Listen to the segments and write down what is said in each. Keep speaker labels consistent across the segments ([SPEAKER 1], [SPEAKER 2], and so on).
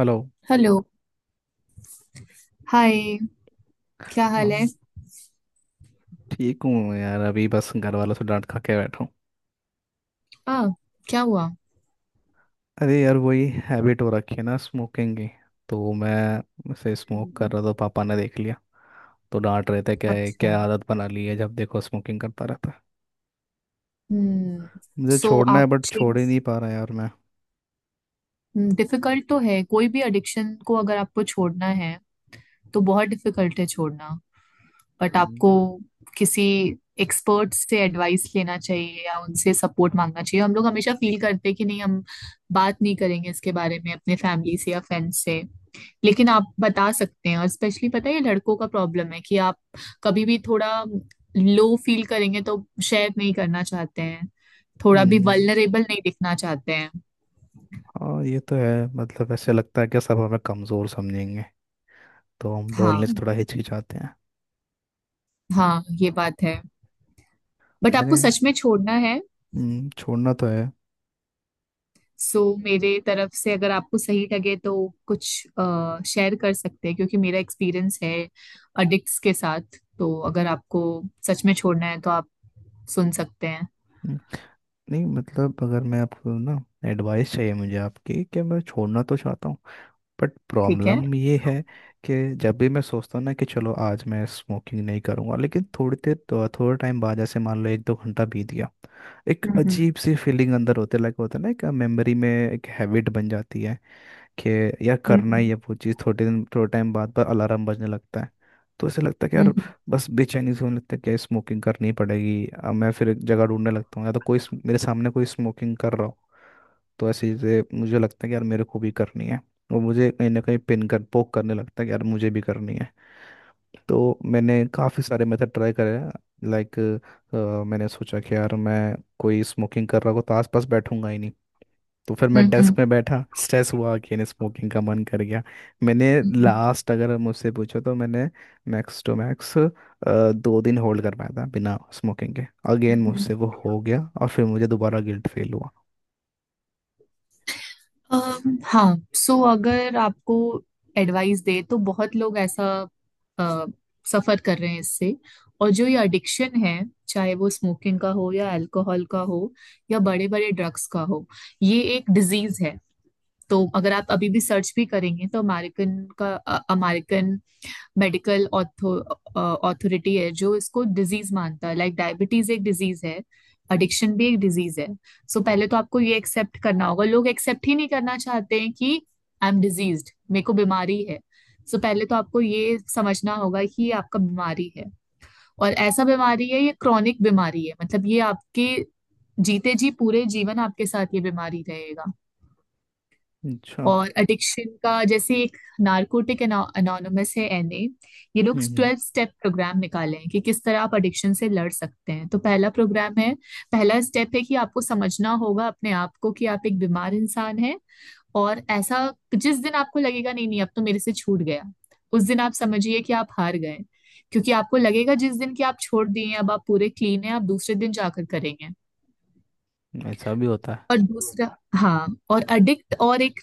[SPEAKER 1] Hello.
[SPEAKER 2] Hello. Hi. क्या हाल है?
[SPEAKER 1] हाँ, ठीक हूँ यार। अभी बस घर वालों से डांट खा के बैठा हूँ।
[SPEAKER 2] आ क्या हुआ?
[SPEAKER 1] अरे यार वही हैबिट हो रखी है ना, स्मोकिंग की। तो मैं उसे स्मोक कर
[SPEAKER 2] हम्म।
[SPEAKER 1] रहा था, पापा ने देख लिया। तो डांट रहे थे, क्या है,
[SPEAKER 2] अच्छा।
[SPEAKER 1] क्या आदत बना ली है, जब देखो स्मोकिंग करता रहता है।
[SPEAKER 2] हम्म।
[SPEAKER 1] मुझे
[SPEAKER 2] सो
[SPEAKER 1] छोड़ना है
[SPEAKER 2] आप
[SPEAKER 1] बट छोड़ ही
[SPEAKER 2] चेंज
[SPEAKER 1] नहीं पा रहा यार मैं।
[SPEAKER 2] डिफिकल्ट तो है, कोई भी एडिक्शन को अगर आपको छोड़ना है तो बहुत डिफिकल्ट है छोड़ना। बट
[SPEAKER 1] हम्म।
[SPEAKER 2] आपको किसी एक्सपर्ट से एडवाइस लेना चाहिए या उनसे सपोर्ट मांगना चाहिए। हम लोग हमेशा फील करते हैं कि नहीं, हम बात नहीं करेंगे इसके बारे में अपने फैमिली से या फ्रेंड्स से, लेकिन आप बता सकते हैं। और स्पेशली पता है ये लड़कों का प्रॉब्लम है कि आप कभी भी थोड़ा लो फील करेंगे तो शेयर नहीं करना चाहते हैं, थोड़ा भी
[SPEAKER 1] हम्म,
[SPEAKER 2] वल्नरेबल नहीं दिखना चाहते हैं।
[SPEAKER 1] हाँ ये तो है। मतलब ऐसे लगता है कि सब हमें कमज़ोर समझेंगे, तो हम बोलने से
[SPEAKER 2] हाँ,
[SPEAKER 1] थोड़ा हिचकिचाते हैं।
[SPEAKER 2] हाँ ये बात है। बट आपको
[SPEAKER 1] मैंने
[SPEAKER 2] सच में छोड़ना है?
[SPEAKER 1] छोड़ना तो है।
[SPEAKER 2] सो मेरे तरफ से अगर आपको सही लगे तो कुछ शेयर कर सकते हैं, क्योंकि मेरा एक्सपीरियंस है अडिक्ट्स के साथ। तो अगर आपको सच में छोड़ना है तो आप सुन सकते हैं।
[SPEAKER 1] नहीं मतलब, अगर मैं आपको ना, एडवाइस चाहिए मुझे आपकी कि मैं छोड़ना तो चाहता हूँ, बट
[SPEAKER 2] ठीक है।
[SPEAKER 1] प्रॉब्लम ये है कि जब भी मैं सोचता हूँ ना कि चलो आज मैं स्मोकिंग नहीं करूँगा, लेकिन थोड़ी देर तो थोड़ा टाइम बाद, जैसे मान लो एक दो घंटा बीत गया, एक
[SPEAKER 2] हम्म। हम्म।
[SPEAKER 1] अजीब सी फीलिंग अंदर होते लगे होता है ना, एक मेमोरी में एक हैबिट बन जाती है कि यार करना ही
[SPEAKER 2] हम्म।
[SPEAKER 1] है वो चीज़। थोड़े दिन थोड़े टाइम बाद पर अलार्म बजने लगता है। तो ऐसे लगता है कि यार,
[SPEAKER 2] हम्म।
[SPEAKER 1] बस बेचैनी से होने लगता है कि यार स्मोकिंग करनी पड़ेगी। अब मैं फिर एक जगह ढूंढने लगता हूँ, या तो कोई मेरे सामने कोई स्मोकिंग कर रहा हो, तो ऐसे जैसे मुझे लगता है कि यार मेरे को भी करनी है। और मुझे कहीं ना कहीं पिन कर पोक करने लगता है कि यार मुझे भी करनी है। तो मैंने काफ़ी सारे मेथड ट्राई करे। लाइक मैंने सोचा कि यार मैं, कोई स्मोकिंग कर रहा हो तो आसपास बैठूंगा ही नहीं। तो फिर मैं
[SPEAKER 2] हम्म। हम्म।
[SPEAKER 1] डेस्क में बैठा, स्ट्रेस हुआ, अगेन स्मोकिंग का मन कर गया। मैंने
[SPEAKER 2] हम्म।
[SPEAKER 1] लास्ट अगर मुझसे पूछो तो मैंने मैक्स टू मैक्स दो दिन होल्ड कर पाया था बिना स्मोकिंग के। अगेन
[SPEAKER 2] हम्म।
[SPEAKER 1] मुझसे वो हो गया और फिर मुझे दोबारा गिल्ट फील हुआ।
[SPEAKER 2] हाँ, सो अगर आपको एडवाइस दे तो बहुत लोग ऐसा अ, सफर कर रहे हैं इससे। और जो ये एडिक्शन है, चाहे वो स्मोकिंग का हो या अल्कोहल का हो या बड़े बड़े ड्रग्स का हो, ये एक डिजीज है। तो अगर आप अभी भी सर्च भी करेंगे तो अमेरिकन का, अमेरिकन मेडिकल अथॉरिटी है जो इसको डिजीज मानता है। लाइक डायबिटीज एक डिजीज है, एडिक्शन भी एक डिजीज है। सो पहले तो आपको ये एक्सेप्ट करना होगा। लोग एक्सेप्ट ही नहीं करना चाहते हैं कि आई एम डिजीज्ड, मेरे को बीमारी है। सो पहले तो आपको ये समझना होगा कि ये आपका बीमारी है। और ऐसा बीमारी है ये, क्रॉनिक बीमारी है, मतलब ये आपके जीते जी पूरे जीवन आपके साथ ये बीमारी रहेगा।
[SPEAKER 1] अच्छा।
[SPEAKER 2] और एडिक्शन का, जैसे एक नारकोटिक अनोनमस है, एनए, ये लोग
[SPEAKER 1] हम्म,
[SPEAKER 2] 12 स्टेप प्रोग्राम निकाले हैं कि किस तरह आप एडिक्शन से लड़ सकते हैं। तो पहला प्रोग्राम है, पहला स्टेप है कि आपको समझना होगा अपने आप को कि आप एक बीमार इंसान हैं। और ऐसा, जिस दिन आपको लगेगा नहीं नहीं अब तो मेरे से छूट गया, उस दिन आप समझिए कि आप हार गए। क्योंकि आपको लगेगा जिस दिन कि आप छोड़ दिए हैं, अब आप पूरे क्लीन हैं, आप दूसरे दिन जाकर करेंगे।
[SPEAKER 1] ऐसा भी होता है।
[SPEAKER 2] और दूसरा, हाँ और अडिक्ट और एक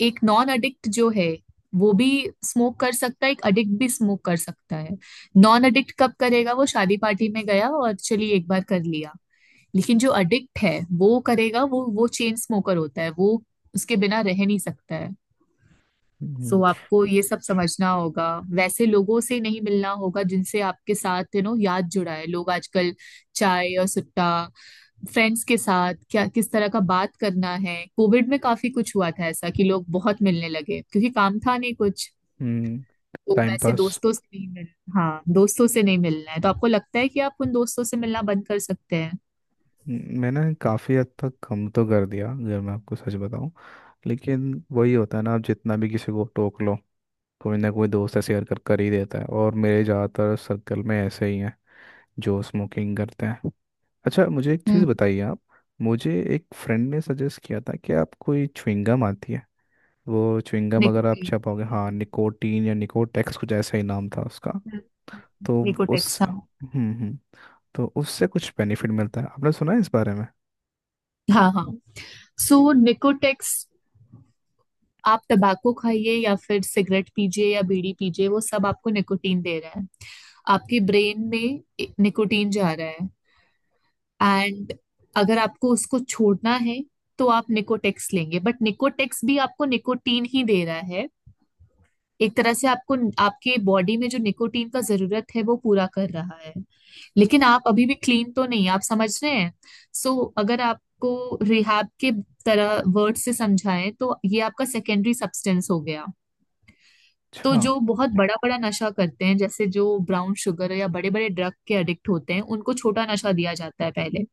[SPEAKER 2] एक नॉन अडिक्ट जो है वो भी स्मोक कर सकता है, एक अडिक्ट भी स्मोक कर सकता है। नॉन अडिक्ट कब करेगा? वो शादी पार्टी में गया और चलिए एक बार कर लिया। लेकिन जो अडिक्ट है वो करेगा, वो चेन स्मोकर होता है, वो उसके बिना रह नहीं सकता है।
[SPEAKER 1] हम्म,
[SPEAKER 2] सो आपको ये सब समझना होगा। वैसे लोगों से नहीं मिलना होगा जिनसे आपके साथ, यू नो, याद जुड़ा है। लोग आजकल चाय और सुट्टा फ्रेंड्स के साथ क्या किस तरह का बात करना है। कोविड में काफी कुछ हुआ था ऐसा कि लोग बहुत मिलने लगे क्योंकि काम था नहीं कुछ।
[SPEAKER 1] हम्म।
[SPEAKER 2] तो
[SPEAKER 1] टाइम
[SPEAKER 2] वैसे
[SPEAKER 1] पास।
[SPEAKER 2] दोस्तों से नहीं मिल हाँ, दोस्तों से नहीं मिलना है तो आपको लगता है कि आप उन दोस्तों से मिलना बंद कर सकते हैं?
[SPEAKER 1] मैंने काफ़ी हद तक कम तो कर दिया अगर मैं आपको सच बताऊं। लेकिन वही होता है ना, आप जितना भी किसी को टोक लो, कोई ना कोई दोस्त ऐसे शेयर कर कर ही देता है। और मेरे ज़्यादातर सर्कल में ऐसे ही हैं जो स्मोकिंग करते हैं। अच्छा मुझे एक चीज़
[SPEAKER 2] हम्म।
[SPEAKER 1] बताइए आप, मुझे एक फ्रेंड ने सजेस्ट किया था कि आप, कोई च्युइंगम आती है, वो च्युइंगम अगर आप
[SPEAKER 2] निकोटीन।
[SPEAKER 1] चबाओगे, हाँ निकोटीन या निकोटेक्स कुछ ऐसा ही नाम था उसका।
[SPEAKER 2] हम्म।
[SPEAKER 1] तो उस
[SPEAKER 2] निकोटेक्स, हाँ।
[SPEAKER 1] हम्म, हम्म, तो उससे कुछ बेनिफिट मिलता है? आपने सुना है इस बारे में?
[SPEAKER 2] हाँ, हाँ। सो निकोटेक्स, आप टबाको खाइए या फिर सिगरेट पीजिए या बीड़ी पीजिए, वो सब आपको निकोटीन दे रहा है, आपकी ब्रेन में निकोटीन जा रहा है। एंड अगर आपको उसको छोड़ना है तो आप निकोटेक्स लेंगे, बट निकोटेक्स भी आपको निकोटीन ही दे रहा है। एक तरह से आपको, आपके बॉडी में जो निकोटीन का जरूरत है वो पूरा कर रहा है, लेकिन आप अभी भी क्लीन तो नहीं, आप समझ रहे हैं? सो अगर आपको रिहैब के तरह वर्ड से समझाएं तो ये आपका सेकेंडरी सब्सटेंस हो गया। तो
[SPEAKER 1] अच्छा।
[SPEAKER 2] जो बहुत बड़ा बड़ा नशा करते हैं, जैसे जो ब्राउन शुगर या बड़े बड़े ड्रग के एडिक्ट होते हैं, उनको छोटा नशा दिया जाता है पहले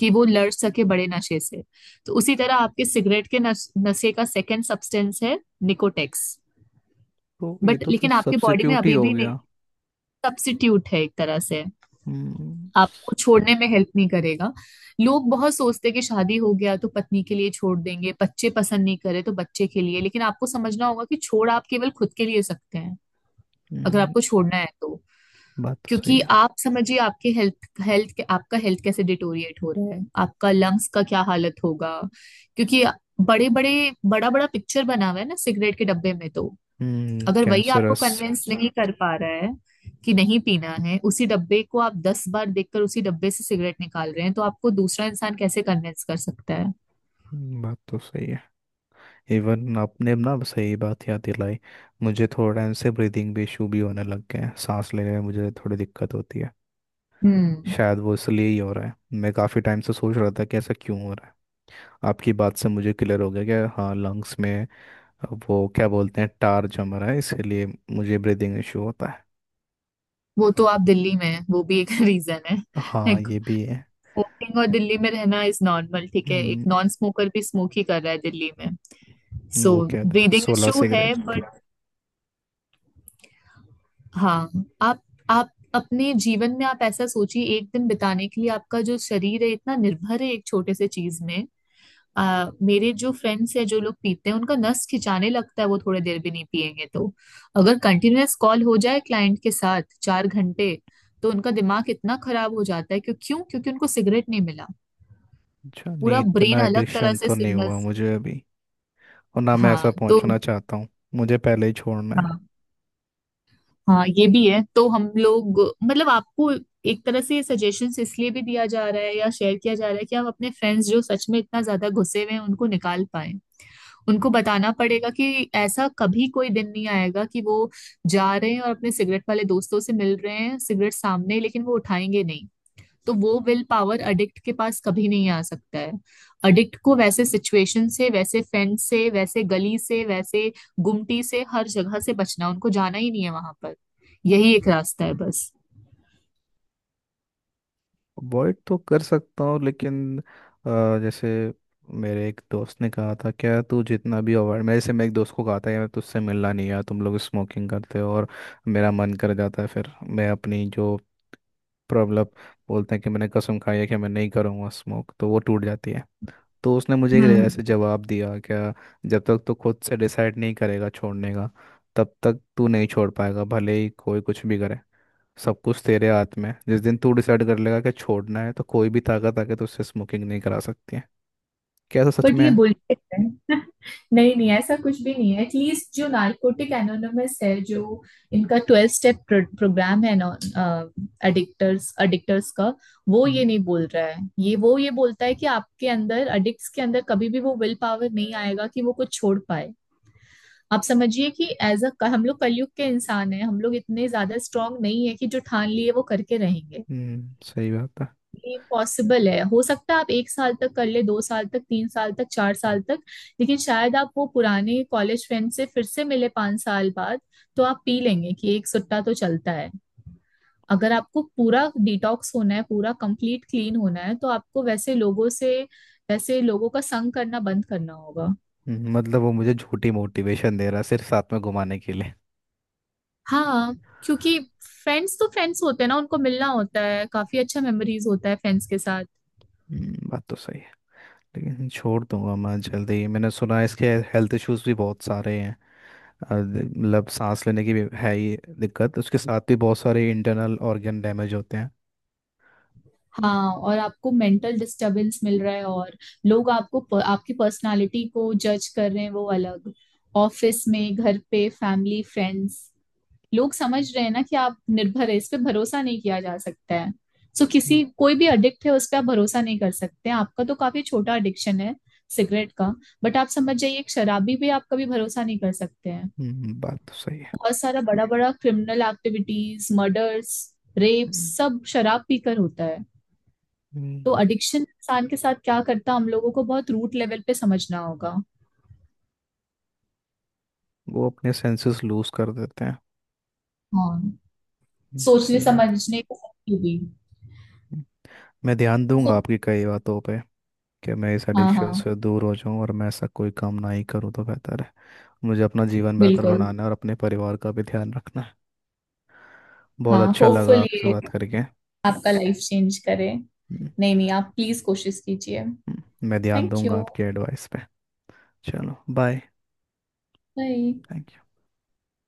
[SPEAKER 2] कि वो लड़ सके बड़े नशे से। तो उसी तरह आपके सिगरेट के नशे का सेकेंड सब्सटेंस है निकोटेक्स।
[SPEAKER 1] तो ये
[SPEAKER 2] बट
[SPEAKER 1] तो फिर
[SPEAKER 2] लेकिन आपके बॉडी में
[SPEAKER 1] सब्स्टिट्यूट ही
[SPEAKER 2] अभी
[SPEAKER 1] हो
[SPEAKER 2] भी नहीं,
[SPEAKER 1] गया।
[SPEAKER 2] सब्स्टिट्यूट है एक तरह से,
[SPEAKER 1] हम्म।
[SPEAKER 2] आपको छोड़ने में हेल्प नहीं करेगा। लोग बहुत सोचते हैं कि शादी हो गया तो पत्नी के लिए छोड़ देंगे, बच्चे पसंद नहीं करे तो बच्चे के लिए। लेकिन आपको समझना होगा कि छोड़ आप केवल खुद के लिए सकते हैं, अगर
[SPEAKER 1] हम्म,
[SPEAKER 2] आपको छोड़ना है तो।
[SPEAKER 1] बात तो सही
[SPEAKER 2] क्योंकि
[SPEAKER 1] है।
[SPEAKER 2] आप समझिए आपके हेल्थ हेल्थ आपका हेल्थ कैसे डिटोरिएट हो रहा है, आपका लंग्स का क्या हालत होगा, क्योंकि बड़े बड़े बड़ा बड़ा पिक्चर बना हुआ है ना सिगरेट के डब्बे में। तो
[SPEAKER 1] हम्म,
[SPEAKER 2] अगर वही आपको
[SPEAKER 1] कैंसरस।
[SPEAKER 2] कन्विंस नहीं कर पा रहा है कि नहीं पीना है, उसी डब्बे को आप 10 बार देखकर उसी डब्बे से सिगरेट निकाल रहे हैं, तो आपको दूसरा इंसान कैसे कन्विंस कर सकता है?
[SPEAKER 1] बात तो सही है। इवन आपने ना सही बात याद दिलाई। मुझे थोड़ा इनसे ब्रीदिंग भी इशू भी होने लग गए हैं, सांस लेने में मुझे थोड़ी दिक्कत होती है।
[SPEAKER 2] हम्म।
[SPEAKER 1] शायद वो इसलिए ही हो रहा है। मैं काफ़ी टाइम से सोच रहा था कि ऐसा क्यों हो रहा है। आपकी बात से मुझे क्लियर हो गया कि हाँ, लंग्स में, वो क्या बोलते हैं, टार जम रहा है, इसलिए मुझे ब्रीदिंग इशू होता है।
[SPEAKER 2] वो तो आप दिल्ली में हैं, वो भी एक रीजन है,
[SPEAKER 1] हाँ
[SPEAKER 2] लाइक
[SPEAKER 1] ये भी है।
[SPEAKER 2] वोटिंग और दिल्ली में रहना इज नॉर्मल, ठीक है, एक
[SPEAKER 1] हम्म,
[SPEAKER 2] नॉन स्मोकर भी स्मोक ही कर रहा है दिल्ली में।
[SPEAKER 1] वो
[SPEAKER 2] सो
[SPEAKER 1] क्या था,
[SPEAKER 2] ब्रीदिंग
[SPEAKER 1] 16
[SPEAKER 2] इशू है
[SPEAKER 1] सिगरेट।
[SPEAKER 2] बट, हाँ, आप आप अपने जीवन में आप ऐसा सोचिए, एक दिन बिताने के लिए आपका जो शरीर है इतना निर्भर है एक छोटे से चीज में। आ, मेरे जो फ्रेंड्स हैं जो लोग पीते हैं उनका नस खिंचाने लगता है, वो थोड़ी देर भी नहीं पिएंगे तो, अगर कंटिन्यूअस कॉल हो जाए क्लाइंट के साथ 4 घंटे, तो उनका दिमाग इतना खराब हो जाता है। क्यों क्यों क्योंकि उनको सिगरेट नहीं मिला,
[SPEAKER 1] अच्छा नहीं,
[SPEAKER 2] पूरा ब्रेन
[SPEAKER 1] इतना
[SPEAKER 2] अलग तरह
[SPEAKER 1] एडिक्शन
[SPEAKER 2] से
[SPEAKER 1] तो नहीं हुआ
[SPEAKER 2] सिग्नल्स।
[SPEAKER 1] मुझे अभी। और ना मैं ऐसा
[SPEAKER 2] हाँ तो।
[SPEAKER 1] पहुंचना चाहता हूँ। मुझे पहले ही छोड़ना है।
[SPEAKER 2] हाँ, हाँ ये भी है तो हम लोग, मतलब आपको एक तरह से सजेशंस इसलिए भी दिया जा रहा है या शेयर किया जा रहा है कि आप अपने फ्रेंड्स जो सच में इतना ज्यादा घुसे हुए हैं उनको निकाल पाए। उनको बताना पड़ेगा कि ऐसा कभी कोई दिन नहीं आएगा कि वो जा रहे हैं और अपने सिगरेट वाले दोस्तों से मिल रहे हैं, सिगरेट सामने है, लेकिन वो उठाएंगे नहीं। तो वो विल पावर अडिक्ट के पास कभी नहीं आ सकता है। अडिक्ट को वैसे सिचुएशन से, वैसे फ्रेंड से, वैसे गली से, वैसे गुमटी से, हर जगह से बचना, उनको जाना ही नहीं है वहां पर। यही एक रास्ता है बस।
[SPEAKER 1] अवॉइड तो कर सकता हूँ लेकिन जैसे, मेरे एक दोस्त ने कहा था, क्या तू जितना भी अवॉइड, मेरे से मैं एक दोस्त को कहा था यार तुझसे मिलना नहीं, यार तुम लोग स्मोकिंग करते हो और मेरा मन कर जाता है। फिर मैं अपनी जो प्रॉब्लम बोलते हैं कि मैंने कसम खाई है कि मैं नहीं करूँगा स्मोक, तो वो टूट जाती है। तो उसने मुझे एक ऐसे
[SPEAKER 2] हम्म।
[SPEAKER 1] जवाब दिया क्या, जब तक तू खुद से डिसाइड नहीं करेगा छोड़ने का, तब तक तू नहीं छोड़ पाएगा भले ही कोई कुछ भी करे। सब कुछ तेरे हाथ में है। जिस दिन तू डिसाइड कर लेगा कि छोड़ना है, तो कोई भी ताकत आके तुझसे स्मोकिंग नहीं करा सकती है। क्या ऐसा सच
[SPEAKER 2] बट
[SPEAKER 1] में
[SPEAKER 2] ये
[SPEAKER 1] है?
[SPEAKER 2] बुलशिट है नहीं नहीं ऐसा कुछ भी नहीं है। एटलीस्ट जो नार्कोटिक एनोनिमस है, जो इनका 12 स्टेप प्रोग्राम है, एडिक्टर्स एडिक्टर्स का, वो ये
[SPEAKER 1] हम्म।
[SPEAKER 2] नहीं बोल रहा है, ये वो ये बोलता है कि आपके अंदर, एडिक्ट्स के अंदर कभी भी वो विल पावर नहीं आएगा कि वो कुछ छोड़ पाए। आप समझिए कि एज अ, हम लोग कलयुग के इंसान हैं, हम लोग इतने ज्यादा स्ट्रांग नहीं है कि जो ठान लिए वो करके रहेंगे।
[SPEAKER 1] सही बात है।
[SPEAKER 2] ये पॉसिबल है, हो सकता है आप एक साल तक कर ले, 2 साल तक, 3 साल तक, 4 साल तक, लेकिन शायद आप वो पुराने कॉलेज फ्रेंड से फिर से मिले 5 साल बाद, तो आप पी लेंगे कि एक सुट्टा तो चलता है। अगर आपको पूरा डिटॉक्स होना है, पूरा कंप्लीट क्लीन होना है, तो आपको वैसे लोगों का संग करना बंद करना होगा।
[SPEAKER 1] मतलब वो मुझे झूठी मोटिवेशन दे रहा है सिर्फ साथ में घुमाने के लिए।
[SPEAKER 2] हाँ, क्योंकि फ्रेंड्स तो फ्रेंड्स होते हैं ना, उनको मिलना होता है, काफी अच्छा मेमोरीज होता है फ्रेंड्स के साथ।
[SPEAKER 1] बात तो सही है। लेकिन छोड़ दूंगा मैं जल्दी ही। मैंने सुना है इसके हेल्थ इश्यूज भी बहुत सारे हैं। मतलब सांस लेने की भी है ही दिक्कत, उसके साथ भी बहुत सारे इंटरनल ऑर्गन डैमेज होते हैं।
[SPEAKER 2] हाँ, और आपको मेंटल डिस्टरबेंस मिल रहा है, और लोग आपको आपकी पर्सनालिटी को जज कर रहे हैं वो अलग। ऑफिस में, घर पे, फैमिली, फ्रेंड्स, लोग समझ रहे हैं ना कि आप निर्भर है, इस पे भरोसा नहीं किया जा सकता है। सो किसी,
[SPEAKER 1] हम्म,
[SPEAKER 2] कोई भी एडिक्ट है उस पे आप भरोसा नहीं कर सकते। आपका तो काफी छोटा एडिक्शन है सिगरेट का, बट आप समझ जाइए एक शराबी पे आप कभी भरोसा नहीं कर सकते हैं।
[SPEAKER 1] बात तो सही है।
[SPEAKER 2] बहुत सारा बड़ा बड़ा क्रिमिनल एक्टिविटीज, मर्डर्स, रेप
[SPEAKER 1] हम्म,
[SPEAKER 2] सब शराब पीकर होता है।
[SPEAKER 1] हम्म,
[SPEAKER 2] तो एडिक्शन इंसान के साथ क्या करता है हम लोगों को बहुत रूट लेवल पे समझना होगा।
[SPEAKER 1] वो अपने सेंसेस लूज कर देते हैं।
[SPEAKER 2] हाँ, सोचने
[SPEAKER 1] सही बात है।
[SPEAKER 2] समझने की शक्ति भी।
[SPEAKER 1] हम्म। मैं ध्यान
[SPEAKER 2] तो
[SPEAKER 1] दूंगा आपकी कई बातों पे कि मैं इस
[SPEAKER 2] हाँ,
[SPEAKER 1] एडिक्शन
[SPEAKER 2] हाँ,
[SPEAKER 1] से दूर हो जाऊं, और मैं ऐसा कोई काम ना ही करूं तो बेहतर है। मुझे अपना जीवन बेहतर
[SPEAKER 2] बिल्कुल।
[SPEAKER 1] बनाना है और अपने परिवार का भी ध्यान रखना है। बहुत
[SPEAKER 2] हाँ
[SPEAKER 1] अच्छा लगा
[SPEAKER 2] होपफुल
[SPEAKER 1] आपसे
[SPEAKER 2] ये
[SPEAKER 1] बात करके।
[SPEAKER 2] आपका लाइफ चेंज करे।
[SPEAKER 1] हम्म,
[SPEAKER 2] नहीं नहीं आप प्लीज कोशिश कीजिए।
[SPEAKER 1] हम्म, मैं ध्यान
[SPEAKER 2] थैंक
[SPEAKER 1] दूंगा
[SPEAKER 2] यू।
[SPEAKER 1] आपकी एडवाइस पे। चलो बाय।
[SPEAKER 2] बाय।
[SPEAKER 1] Thank you.